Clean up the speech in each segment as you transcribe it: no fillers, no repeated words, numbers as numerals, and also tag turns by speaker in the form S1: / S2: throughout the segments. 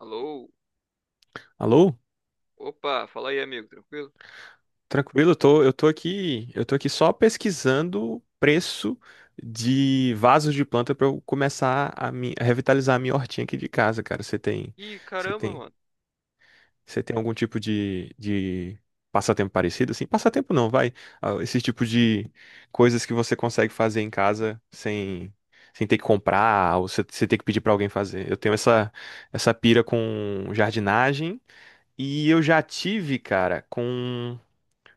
S1: Alô?
S2: Alô?
S1: Opa, fala aí, amigo, tranquilo?
S2: Tranquilo, eu tô aqui, eu tô aqui só pesquisando preço de vasos de planta pra eu começar a, a revitalizar a minha hortinha aqui de casa, cara.
S1: Ih,
S2: Você
S1: caramba,
S2: tem,
S1: mano.
S2: você tem algum tipo de passatempo parecido? Assim, passatempo não, vai. Ah, esse tipo de coisas que você consegue fazer em casa sem ter que comprar ou você ter que pedir pra alguém fazer. Eu tenho essa pira com jardinagem. E eu já tive, cara, com.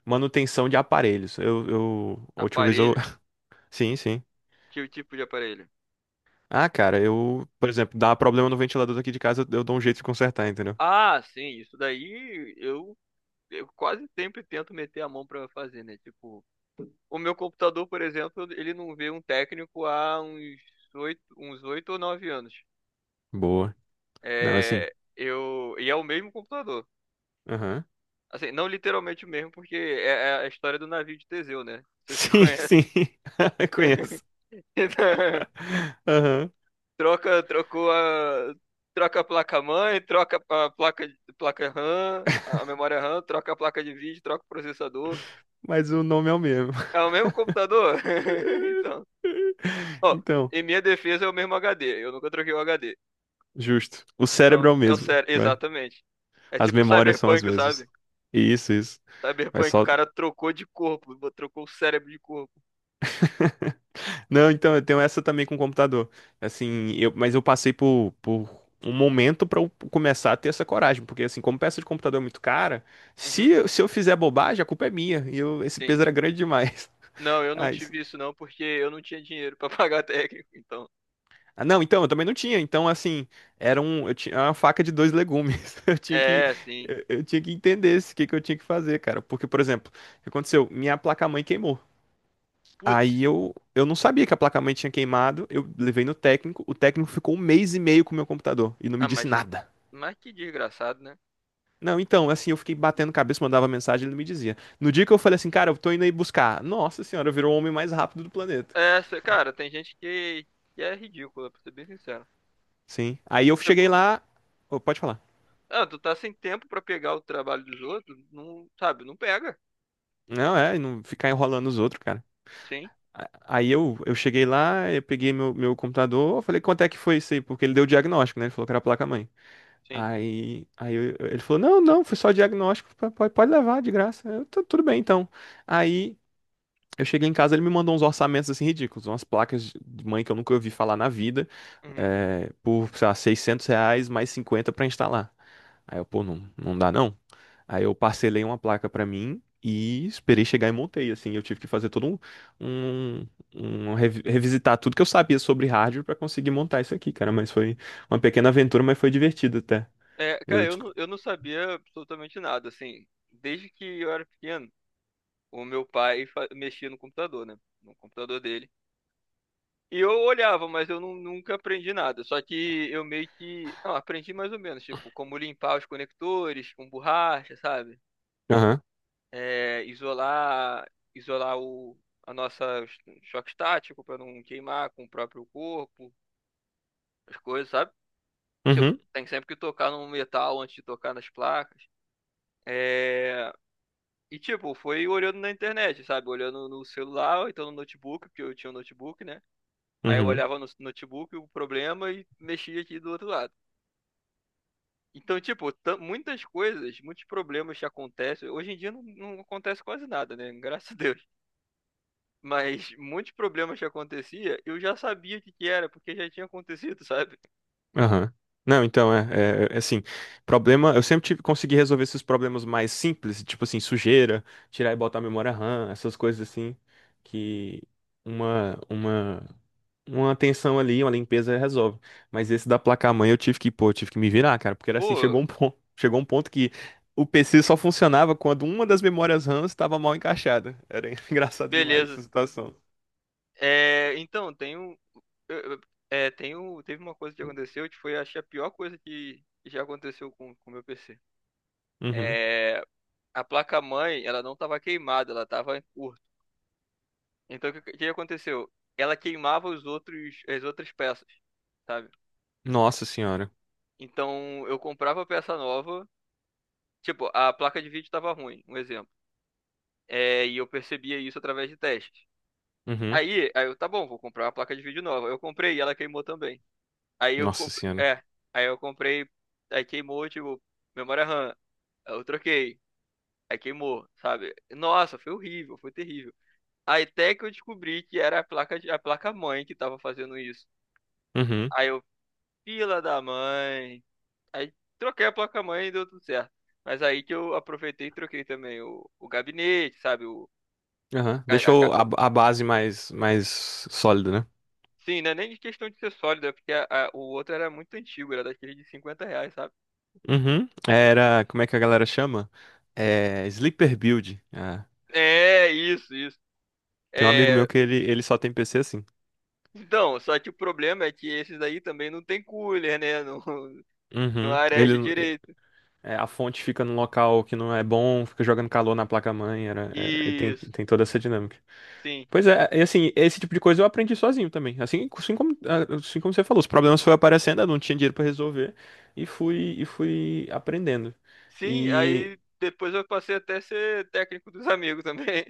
S2: Manutenção de aparelhos. A última vez eu.
S1: Aparelho?
S2: Sim, sim.
S1: Que tipo de aparelho?
S2: Ah, cara, eu, por exemplo, dá problema no ventilador daqui de casa, eu dou um jeito de consertar, entendeu?
S1: Ah, sim, isso daí eu quase sempre tento meter a mão pra fazer, né? Tipo, o meu computador, por exemplo, ele não vê um técnico há uns oito ou nove anos.
S2: Boa. Não, assim.
S1: É, eu, e é o mesmo computador.
S2: Aham.
S1: Assim, não literalmente o mesmo, porque é a história do navio de Teseu, né? Não sei se tu
S2: Sim,
S1: conhece.
S2: sim. Conheço. Aham.
S1: Troca, trocou a, troca a placa-mãe, troca a placa RAM, a memória RAM, troca a placa de vídeo, troca o processador.
S2: Mas o nome é o mesmo.
S1: É o mesmo computador? Então, ó,
S2: Então,
S1: em minha defesa é o mesmo HD, eu nunca troquei o HD.
S2: justo. O
S1: Então,
S2: cérebro é o
S1: é o
S2: mesmo,
S1: sério,
S2: vai.
S1: exatamente. É
S2: As
S1: tipo o
S2: memórias são as
S1: Cyberpunk,
S2: mesmas.
S1: sabe?
S2: Isso, isso. Mas
S1: Cyberpunk, o
S2: só.
S1: cara trocou de corpo, trocou o cérebro de corpo.
S2: Não, então eu tenho essa também com o computador. Assim, eu, mas eu passei por um momento pra eu começar a ter essa coragem, porque assim, como peça de computador é muito cara,
S1: Uhum,
S2: se eu fizer bobagem, a culpa é minha. E eu, esse
S1: sim.
S2: peso era grande demais.
S1: Não, eu não
S2: Ah, isso.
S1: tive isso não, porque eu não tinha dinheiro pra pagar técnico, então.
S2: Ah, não, então eu também não tinha. Então, assim, era um, eu tinha uma faca de dois legumes. Eu tinha que,
S1: É, sim.
S2: eu tinha que entender esse, o que que eu tinha que fazer, cara. Porque, por exemplo, o que aconteceu? Minha placa-mãe queimou. Aí
S1: Putz,
S2: eu, eu não sabia que a placa-mãe tinha queimado, eu levei no técnico, o técnico ficou um mês e meio com o meu computador e não
S1: ah,
S2: me disse nada.
S1: Mas que desgraçado, né?
S2: Não, então, assim, eu fiquei batendo cabeça, mandava mensagem, ele não me dizia. No dia que eu falei assim, cara, eu tô indo aí buscar. Nossa senhora, virou o homem mais rápido do planeta.
S1: É, cara, tem gente que é ridícula, pra ser bem sincero.
S2: Sim. Aí eu cheguei
S1: Tipo,
S2: lá. Ô, pode falar.
S1: ah, tu tá sem tempo pra pegar o trabalho dos outros, não, sabe, não pega.
S2: Não, é, não ficar enrolando os outros, cara.
S1: Sim,
S2: A- Aí eu cheguei lá, eu peguei meu computador, eu falei, quanto é que foi isso aí? Porque ele deu o diagnóstico, né? Ele falou que era a placa-mãe.
S1: sim.
S2: Aí ele falou: não, não, foi só diagnóstico, pode levar de graça. Eu, "Tá, tudo bem, então." Aí eu cheguei em casa, ele me mandou uns orçamentos assim ridículos, umas placas de mãe que eu nunca ouvi falar na vida,
S1: Uhum.
S2: é, por, sei lá, R$ 600 mais 50 pra instalar. Aí eu, pô, não, não dá não. Aí eu parcelei uma placa pra mim e esperei chegar e montei. Assim, eu tive que fazer todo um, um, um revisitar tudo que eu sabia sobre hardware pra conseguir montar isso aqui, cara. Mas foi uma pequena aventura, mas foi divertido até.
S1: É, cara,
S2: Eu
S1: eu não sabia absolutamente nada, assim. Desde que eu era pequeno, o meu pai mexia no computador, né? No computador dele. E eu olhava, mas eu nunca aprendi nada. Só que eu meio que. Não, aprendi mais ou menos, tipo, como limpar os conectores com borracha, sabe?
S2: aham,
S1: É, isolar a nossa choque estático para não queimar com o próprio corpo, as coisas, sabe? Tipo,
S2: uhum,
S1: tem sempre que tocar no metal antes de tocar nas placas. É, e tipo, foi olhando na internet, sabe? Olhando no celular, ou então no notebook, porque eu tinha um notebook, né? Aí eu
S2: uhum,
S1: olhava no notebook o problema e mexia aqui do outro lado. Então, tipo, muitas coisas, muitos problemas que acontecem. Hoje em dia não, não acontece quase nada, né? Graças a Deus. Mas muitos problemas que acontecia, eu já sabia o que que era, porque já tinha acontecido, sabe?
S2: aham. Não, então, é assim, problema, eu sempre tive, consegui resolver esses problemas mais simples, tipo assim, sujeira, tirar e botar a memória RAM, essas coisas assim, que uma, uma, uma atenção ali, uma limpeza resolve. Mas esse da placa-mãe eu tive que, pô, eu tive que me virar, cara, porque era assim,
S1: Pô,
S2: chegou um ponto que o PC só funcionava quando uma das memórias RAM estava mal encaixada. Era engraçado demais
S1: beleza.
S2: essa situação.
S1: É, então, tem um, eu- é, teve uma coisa que aconteceu que foi, acho, que a pior coisa que já aconteceu com o meu PC.
S2: Uhum.
S1: É, a placa-mãe, ela não estava queimada, ela estava em curto. Então, o que aconteceu? Ela queimava as outras peças, sabe?
S2: Nossa senhora.
S1: Então, eu comprava peça nova, tipo, a placa de vídeo estava ruim, um exemplo. É, e eu percebia isso através de testes.
S2: Uhum.
S1: Aí eu, tá bom, vou comprar uma placa de vídeo nova. Eu comprei e ela queimou também. Aí eu
S2: Nossa
S1: comprei,
S2: senhora.
S1: é, aí eu comprei, aí queimou, tipo, memória RAM. Aí eu troquei, aí queimou, sabe? Nossa, foi horrível, foi terrível. Aí até que eu descobri que era a placa mãe que tava fazendo isso.
S2: Uhum.
S1: Aí eu, fila da mãe. Aí troquei a placa mãe e deu tudo certo. Mas aí que eu aproveitei e troquei também o gabinete, sabe?
S2: Aham.
S1: A, a,
S2: Deixou a, base mais sólida, né?
S1: Sim, não é nem de questão de ser sólida porque o outro era muito antigo, era daquele de R$ 50, sabe?
S2: Uhum.
S1: En-
S2: Era, como é que a galera chama? É, Sleeper Build. É.
S1: É, isso, isso.
S2: Tem um amigo
S1: É,
S2: meu que ele só tem PC assim.
S1: então, só que o problema é que esses aí também não tem cooler, né? Não, não
S2: Uhum.
S1: areja
S2: Ele,
S1: direito.
S2: é, a fonte fica num local que não é bom, fica jogando calor na placa-mãe, era,
S1: Isso,
S2: tem toda essa dinâmica.
S1: sim.
S2: Pois é, e assim, esse tipo de coisa eu aprendi sozinho também. Assim, assim como, ah, assim como você falou, os problemas foram aparecendo, eu não tinha dinheiro pra resolver e fui, aprendendo.
S1: Sim,
S2: E
S1: aí depois eu passei até a ser técnico dos amigos também.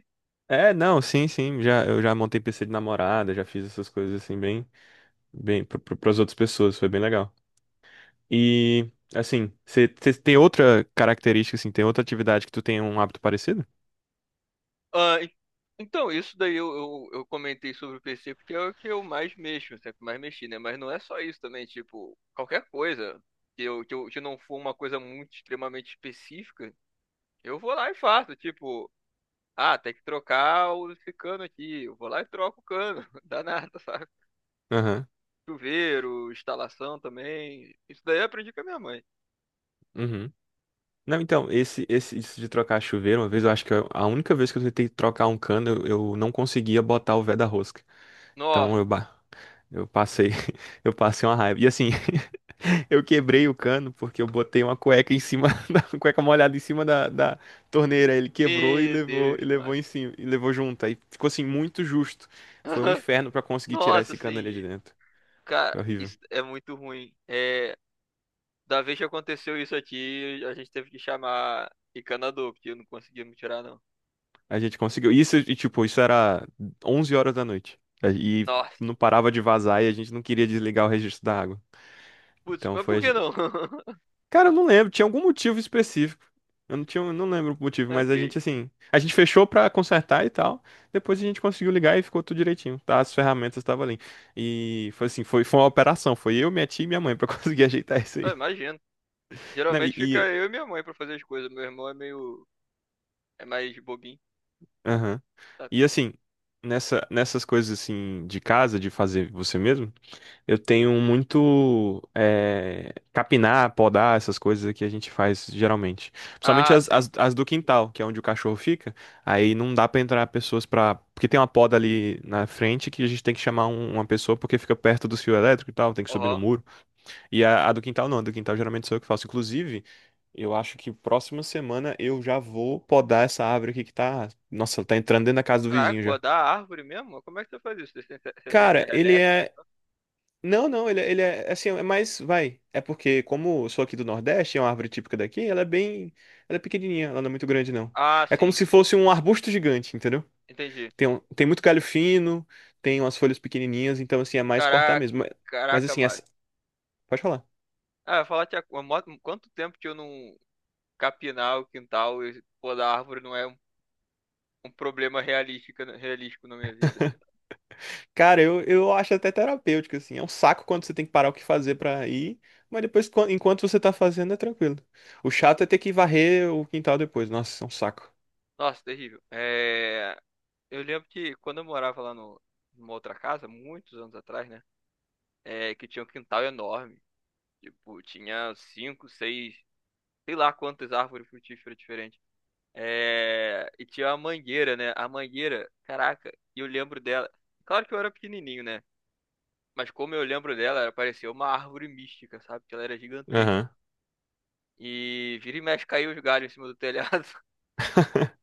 S2: é, não, sim, sim, já, eu já montei PC de namorada, já fiz essas coisas assim bem, bem para as outras pessoas, foi bem legal. E assim, você tem outra característica assim, tem outra atividade que tu tem um hábito parecido?
S1: Ah, então, isso daí eu comentei sobre o PC porque é o que eu mais mexo, sempre mais mexi, né? Mas não é só isso também, tipo, qualquer coisa que não for uma coisa muito extremamente específica, eu vou lá e faço, tipo, ah, tem que trocar esse cano aqui, eu vou lá e troco o cano, dá nada, sabe?
S2: Aham.
S1: Chuveiro, instalação também, isso daí eu aprendi com a minha mãe.
S2: Uhum. Não, então, esse isso de trocar chuveiro, uma vez eu acho que a única vez que eu tentei trocar um cano, eu não conseguia botar o vé da rosca.
S1: Nossa,
S2: Então eu eu passei, eu passei uma raiva. E assim, eu quebrei o cano porque eu botei uma cueca em cima da uma cueca molhada em cima da torneira. Ele quebrou
S1: meu
S2: e
S1: Deus,
S2: levou
S1: mas...
S2: em cima e levou junto. Aí ficou assim muito justo. Foi um inferno pra conseguir tirar
S1: Nossa,
S2: esse cano ali
S1: assim,
S2: de dentro.
S1: cara,
S2: Foi horrível.
S1: isso é muito ruim. É, da vez que aconteceu isso aqui, a gente teve que chamar encanador, porque não conseguimos tirar, não.
S2: A gente conseguiu. Isso e tipo, isso era 11 horas da noite. E
S1: Nossa,
S2: não parava de vazar e a gente não queria desligar o registro da água.
S1: putz,
S2: Então
S1: mas
S2: foi.
S1: por que não?
S2: Cara, eu não lembro, tinha algum motivo específico. Eu não tinha, eu não lembro o motivo, mas
S1: Ok,
S2: a gente assim, a gente fechou pra consertar e tal. Depois a gente conseguiu ligar e ficou tudo direitinho, tá? As ferramentas estavam ali. E foi assim, foi uma operação, foi eu, minha tia e minha mãe pra conseguir ajeitar isso
S1: ah,
S2: aí.
S1: imagino.
S2: Não,
S1: Geralmente fica eu e minha mãe pra fazer as coisas. Meu irmão é meio. É mais bobinho.
S2: aham.
S1: Sabe?
S2: E assim, nessas coisas assim de casa, de fazer você mesmo, eu tenho muito capinar, podar, essas coisas que a gente faz geralmente. Principalmente
S1: Ah, sim.
S2: as do quintal, que é onde o cachorro fica. Aí não dá pra entrar pessoas pra. Porque tem uma poda ali na frente que a gente tem que chamar uma pessoa porque fica perto do fio elétrico e tal, tem que subir no
S1: Aham.
S2: muro. E a do quintal não, a do quintal geralmente sou eu que faço. Inclusive, eu acho que próxima semana eu já vou podar essa árvore aqui que tá. Nossa, tá entrando dentro da casa do
S1: Caraca,
S2: vizinho já.
S1: podar a árvore mesmo? Como é que você faz isso? Você tem
S2: Cara,
S1: serra
S2: ele
S1: elétrica?
S2: é. Não, não, ele, ele é assim, é mais, vai. É porque, como eu sou aqui do Nordeste, é uma árvore típica daqui, ela é bem. Ela é pequenininha, ela não é muito grande, não.
S1: Ah,
S2: É como
S1: sim.
S2: se fosse um arbusto gigante, entendeu?
S1: Entendi.
S2: Tem, tem muito galho fino, tem umas folhas pequenininhas, então, assim, é mais cortar
S1: Caraca,
S2: mesmo. Mas,
S1: caraca,
S2: assim,
S1: Mário.
S2: essa. Pode falar.
S1: Ah, eu ia falar que há quanto tempo que eu não capinar o quintal e podar a árvore não é um problema realístico na minha vida.
S2: Cara, eu acho até terapêutico, assim. É um saco quando você tem que parar o que fazer pra ir, mas depois, enquanto você tá fazendo, é tranquilo. O chato é ter que varrer o quintal depois. Nossa, é um saco.
S1: Nossa, terrível. É, eu lembro que quando eu morava lá no, numa outra casa, muitos anos atrás, né? É, que tinha um quintal enorme. Tipo, tinha cinco, seis, sei lá quantas árvores frutíferas diferentes. É, e tinha uma mangueira, né? A mangueira, caraca, e eu lembro dela. Claro que eu era pequenininho, né? Mas como eu lembro dela, ela parecia uma árvore mística, sabe? Que ela era gigantesca. E vira e mexe caiu os galhos em cima do telhado.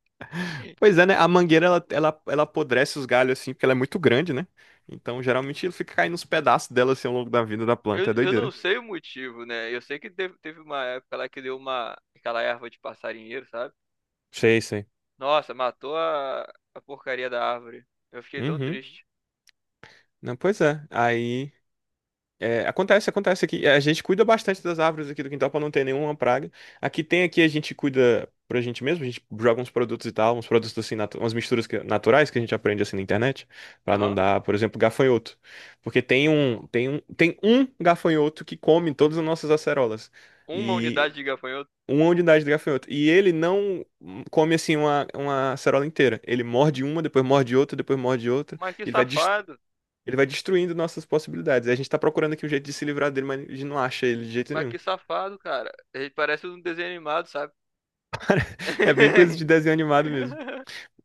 S2: Pois é, né? A mangueira ela apodrece os galhos assim, porque ela é muito grande, né? Então geralmente ele fica caindo os pedaços dela assim ao longo da vida da planta. É
S1: Eu não
S2: doideira.
S1: sei o motivo, né? Eu sei que teve uma época lá que deu aquela erva de passarinheiro, sabe?
S2: Sei, sei.
S1: Nossa, matou a porcaria da árvore. Eu fiquei tão
S2: Uhum.
S1: triste.
S2: Não, pois é. Aí. É, acontece aqui. É, a gente cuida bastante das árvores aqui do quintal para não ter nenhuma praga. Aqui tem aqui, a gente cuida pra gente mesmo, a gente joga uns produtos e tal, uns produtos assim, umas misturas naturais que a gente aprende assim na internet, para não
S1: Aham.
S2: dar, por exemplo, gafanhoto. Porque tem um gafanhoto que come todas as nossas acerolas.
S1: Uma
S2: E
S1: unidade de gafanhoto.
S2: uma unidade de gafanhoto. E ele não come assim uma acerola inteira. Ele morde uma, depois morde outra, depois morde outra.
S1: Mas que
S2: Ele vai
S1: safado.
S2: ele vai destruindo nossas possibilidades. E a gente tá procurando aqui um jeito de se livrar dele, mas a gente não acha ele de jeito
S1: Mas
S2: nenhum.
S1: que safado, cara. Ele parece um desenho animado, sabe?
S2: É bem coisa de desenho animado mesmo.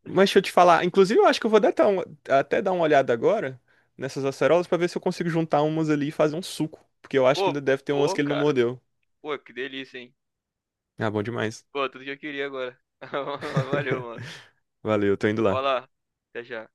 S2: Mas deixa eu te falar, inclusive eu acho que eu vou dar até, até dar uma olhada agora nessas acerolas pra ver se eu consigo juntar umas ali e fazer um suco. Porque eu acho que
S1: Pô,
S2: ainda deve ter umas que
S1: pô,
S2: ele não
S1: cara.
S2: mordeu.
S1: Pô, que delícia, hein?
S2: Ah, bom demais.
S1: Pô, tudo que eu queria agora. Valeu, mano.
S2: Valeu, tô indo lá.
S1: Olá. Até já.